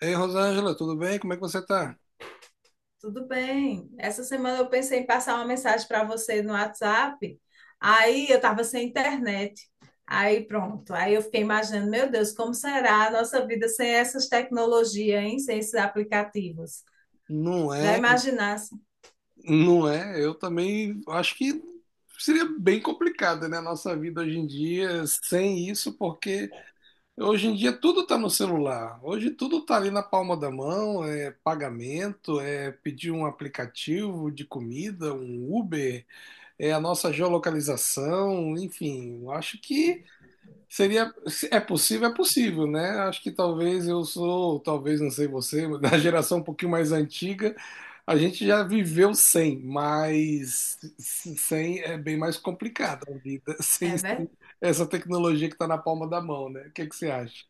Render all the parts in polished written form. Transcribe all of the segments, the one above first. Ei, Rosângela, tudo bem? Como é que você tá? Tudo bem. Essa semana eu pensei em passar uma mensagem para você no WhatsApp. Aí eu estava sem internet. Aí pronto. Aí eu fiquei imaginando, meu Deus, como será a nossa vida sem essas tecnologias, hein? Sem esses aplicativos. Não Já é, imaginasse? não é. Eu também acho que seria bem complicada, né, a nossa vida hoje em dia sem isso, porque hoje em dia tudo está no celular. Hoje tudo está ali na palma da mão, é pagamento, é pedir um aplicativo de comida, um Uber, é a nossa geolocalização, enfim, eu acho que seria, se é possível, é possível, né? Acho que talvez eu sou, talvez não sei você, mas da geração um pouquinho mais antiga, a gente já viveu sem, mas sem é bem mais complicada a vida, sem, É verdade. sem essa tecnologia que está na palma da mão, né? O que que você acha?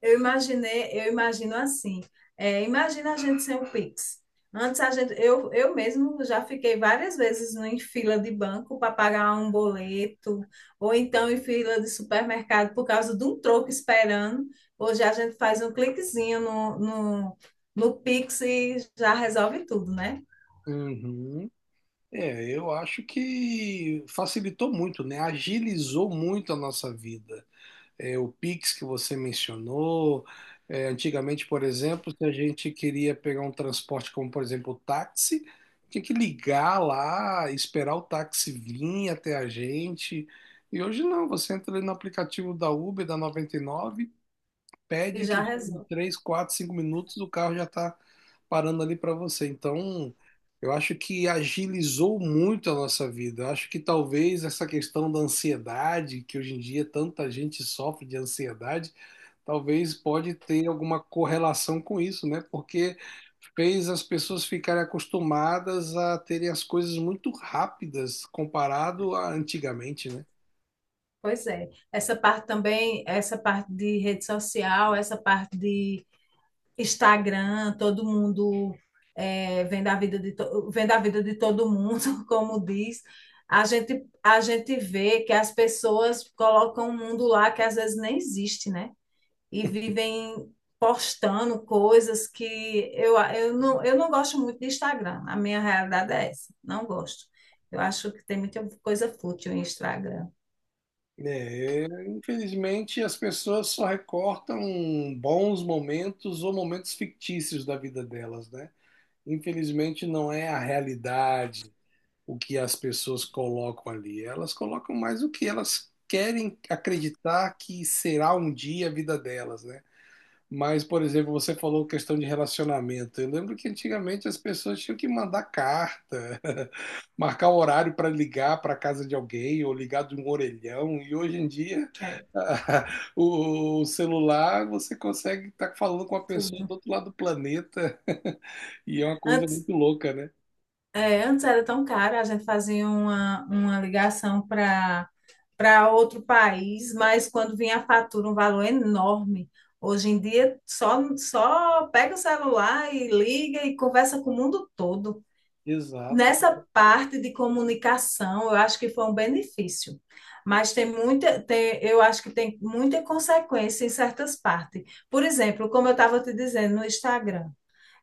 Eu imaginei, eu imagino assim. É, imagina a gente sem o Pix. Antes a gente, eu mesmo já fiquei várias vezes em fila de banco para pagar um boleto, ou então em fila de supermercado por causa de um troco esperando. Hoje a gente faz um cliquezinho no Pix e já resolve tudo, né? Uhum. É, eu acho que facilitou muito, né? Agilizou muito a nossa vida. É, o Pix que você mencionou, é, antigamente, por exemplo, se a gente queria pegar um transporte como, por exemplo, o táxi, tinha que ligar lá, esperar o táxi vir até a gente. E hoje não, você entra ali no aplicativo da Uber, da 99, pede E em já questão de resolve. 3, 4, 5 minutos, o carro já está parando ali para você. Então, eu acho que agilizou muito a nossa vida. Eu acho que talvez essa questão da ansiedade, que hoje em dia tanta gente sofre de ansiedade, talvez pode ter alguma correlação com isso, né? Porque fez as pessoas ficarem acostumadas a terem as coisas muito rápidas comparado a antigamente, né? Pois é. Essa parte também, essa parte de rede social, essa parte de Instagram, todo mundo é, vendo, a vida de vendo a vida de todo mundo, como diz, a gente vê que as pessoas colocam um mundo lá que às vezes nem existe, né? E vivem postando coisas que não, eu não gosto muito de Instagram. A minha realidade é essa, não gosto. Eu acho que tem muita coisa fútil em Instagram. É, infelizmente, as pessoas só recortam bons momentos ou momentos fictícios da vida delas, né? Infelizmente, não é a realidade o que as pessoas colocam ali. Elas colocam mais o que elas querem acreditar que será um dia a vida delas, né? Mas, por exemplo, você falou questão de relacionamento. Eu lembro que antigamente as pessoas tinham que mandar carta, marcar o horário para ligar para a casa de alguém ou ligar de um orelhão. E hoje em dia, É, o celular, você consegue estar falando com a pessoa do tudo. outro lado do planeta. E é uma coisa Antes, muito louca, né? é, antes era tão caro, a gente fazia uma ligação para para outro país, mas quando vinha a fatura, um valor enorme. Hoje em dia, só pega o celular e liga e conversa com o mundo todo. Exato. Nessa parte de comunicação, eu acho que foi um benefício, mas tem muita, tem, eu acho que tem muita consequência em certas partes. Por exemplo, como eu estava te dizendo no Instagram,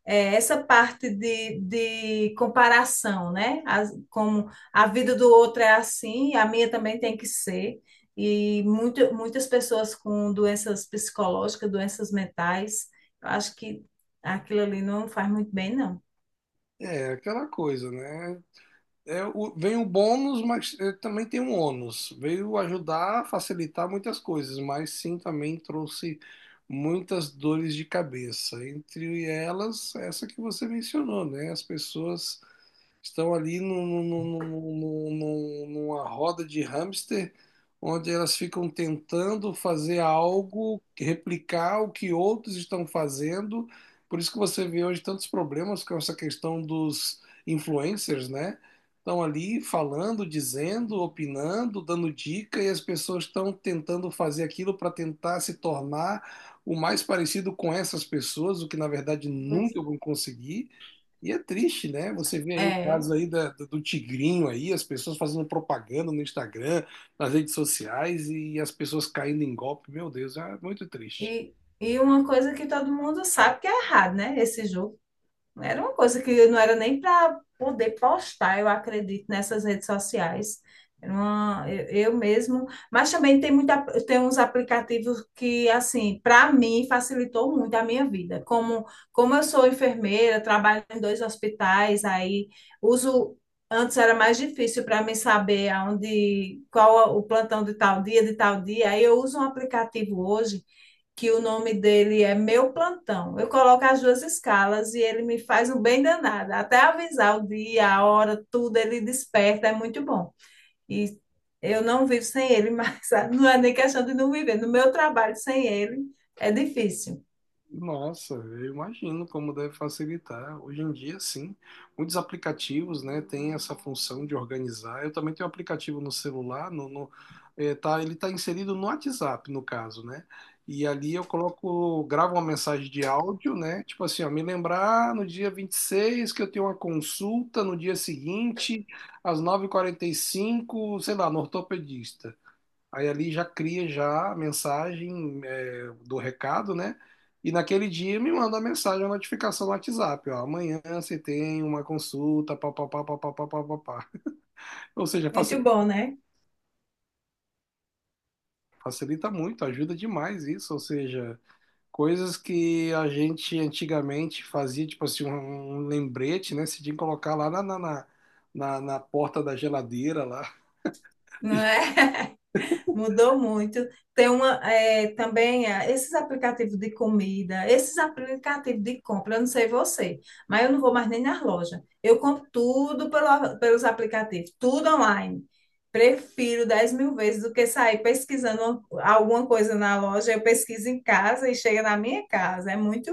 é, essa parte de comparação, né? As- como a vida do outro é assim, a minha também tem que ser. E muito, muitas pessoas com doenças psicológicas, doenças mentais, eu acho que aquilo ali não faz muito bem, não. É aquela coisa, né? É, vem o bônus, mas é, também tem um ônus. Veio ajudar a facilitar muitas coisas, mas sim também trouxe muitas dores de cabeça. Entre elas, essa que você mencionou, né? As pessoas estão ali numa roda de hamster, onde elas ficam tentando fazer algo, replicar o que outros estão fazendo. Por isso que você vê hoje tantos problemas com essa questão dos influencers, né? Estão ali falando, dizendo, opinando, dando dica, e as pessoas estão tentando fazer aquilo para tentar se tornar o mais parecido com essas pessoas, o que na verdade Pois nunca vão conseguir. E é triste, né? Você vê é. aí o É. caso aí do, do Tigrinho aí, as pessoas fazendo propaganda no Instagram, nas redes sociais e as pessoas caindo em golpe. Meu Deus, é muito triste. E, e uma coisa que todo mundo sabe que é errado, né? Esse jogo. Era uma coisa que não era nem para poder postar, eu acredito, nessas redes sociais. Era uma- eu mesmo. Mas também tem, muita, tem uns aplicativos que, assim, para mim, facilitou muito a minha vida. Como, como eu sou enfermeira, trabalho em dois hospitais, aí uso. Antes era mais difícil para mim saber aonde, qual o plantão de tal dia, de tal dia. Aí eu uso um aplicativo hoje que o nome dele é Meu Plantão. Eu coloco as duas escalas e ele me faz um bem danado. Até avisar o dia, a hora, tudo, ele desperta, é muito bom. E eu não vivo sem ele, mas não é nem questão de não viver. No meu trabalho sem ele é difícil. Nossa, eu imagino como deve facilitar. Hoje em dia, sim, muitos aplicativos, né, têm essa função de organizar. Eu também tenho um aplicativo no celular, tá, ele está inserido no WhatsApp, no caso, né? E ali eu coloco, gravo uma mensagem de áudio, né? Tipo assim, ó, me lembrar no dia 26 que eu tenho uma consulta no dia seguinte, às 9:45, sei lá, no ortopedista. Aí ali já cria já a mensagem é, do recado, né? E naquele dia me manda a mensagem, a notificação no WhatsApp, ó, amanhã você tem uma consulta, pá, pá, pá, pá, pá, pá, pá, pá, pá. Ou seja, Muito facilita, bom, né? facilita muito, ajuda demais isso, ou seja, coisas que a gente antigamente fazia, tipo assim, um lembrete, né? Se tinha que colocar lá na porta da geladeira lá. Não é? Mudou muito. Tem uma, é, também é, esses aplicativos de comida, esses aplicativos de compra, eu não sei você, mas eu não vou mais nem nas lojas. Eu compro tudo pelo- pelos aplicativos, tudo online. Prefiro 10.000 vezes do que sair pesquisando alguma coisa na loja. Eu pesquiso em casa e chega na minha casa. É muito,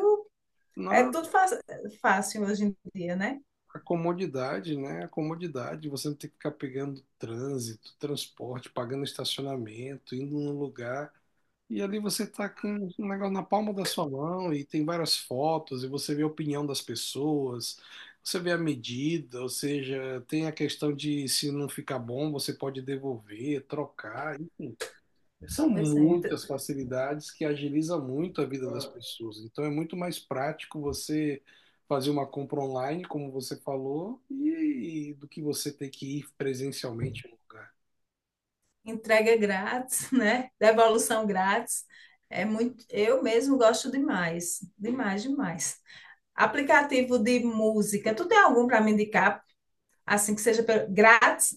é Não, tudo fa- fácil hoje em dia, né? a comodidade, né? A comodidade, você não tem que ficar pegando trânsito, transporte, pagando estacionamento, indo num lugar. E ali você tá com um negócio na palma da sua mão e tem várias fotos, e você vê a opinião das pessoas, você vê a medida, ou seja, tem a questão de se não ficar bom, você pode devolver, trocar, enfim. São Pois é. muitas facilidades que agiliza muito a vida das pessoas. Então é muito mais prático você fazer uma compra online, como você falou, e do que você ter que ir presencialmente no lugar. Entrega grátis, né? Devolução grátis. É muito, eu mesmo gosto demais, demais, demais. Aplicativo de música, tu tem algum para me indicar, assim que seja pelo- grátis,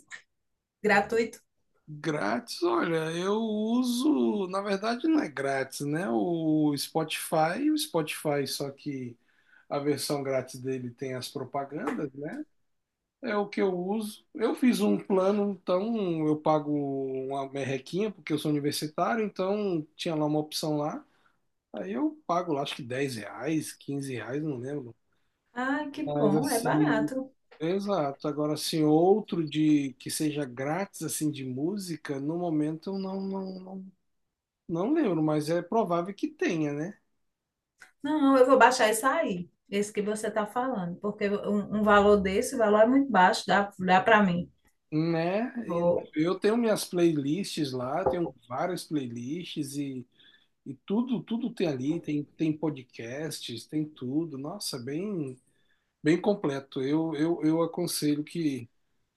gratuito? Grátis, olha, eu uso, na verdade não é grátis, né? O Spotify, só que a versão grátis dele tem as propagandas, né? É o que eu uso. Eu fiz um plano, então eu pago uma merrequinha, porque eu sou universitário, então tinha lá uma opção lá. Aí eu pago lá, acho que R$ 10, R$ 15, não lembro. Ai, que Mas bom, é assim, barato. exato. Agora, assim, outro de que seja grátis, assim, de música, no momento eu não lembro, mas é provável que tenha, né? Não, eu vou baixar esse aí, esse que você está falando, porque um valor desse, o valor é muito baixo, dá, dá para mim. Né? E Vou. eu tenho minhas playlists lá, tenho várias playlists e tudo, tudo tem ali, tem, tem podcasts, tem tudo. Nossa, bem, bem completo. Eu aconselho que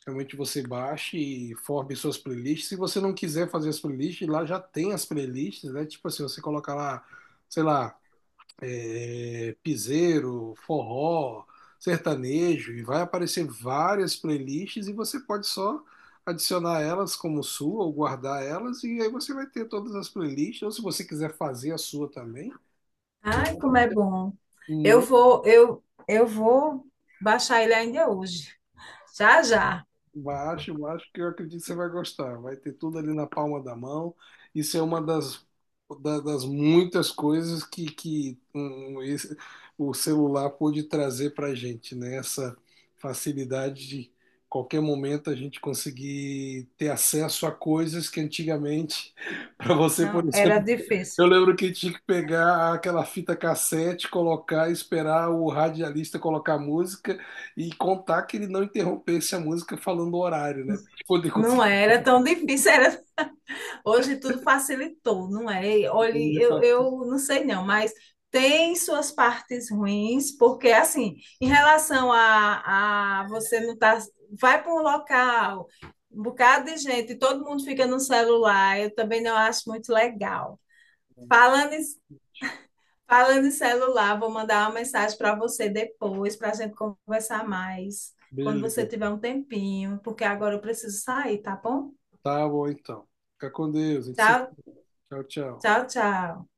realmente você baixe e forme suas playlists. Se você não quiser fazer as playlists, lá já tem as playlists, né? Tipo assim, você coloca lá, sei lá, é, piseiro, forró, sertanejo, e vai aparecer várias playlists e você pode só adicionar elas como sua ou guardar elas, e aí você vai ter todas as playlists, ou se você quiser fazer a sua também, Ai, eu como é bom. Eu vou baixar ele ainda hoje. Já, já. baixe, baixe, que eu acredito que você vai gostar. Vai ter tudo ali na palma da mão. Isso é uma das muitas coisas que, o celular pôde trazer para a gente, né? Essa facilidade de qualquer momento a gente conseguir ter acesso a coisas que antigamente, para você, por Não, era exemplo, difícil. eu lembro que tinha que pegar aquela fita cassete, colocar, esperar o radialista colocar a música e contar que ele não interrompesse a música falando o horário, né? Pra gente poder Não conseguir. era tão difícil, era... Hoje tudo facilitou, não é? E olha, eu não sei não, mas tem suas partes ruins, porque assim, em relação a você não tá... Vai para um local, um bocado de gente, todo mundo fica no celular, eu também não acho muito legal. Falando em Falando em celular, vou mandar uma mensagem para você depois, para a gente conversar mais, quando você Beleza. tiver um tempinho, porque agora eu preciso sair, tá bom? Tá bom, então. Fica com Deus. A gente se... Tchau, Tchau, tchau. tchau, tchau.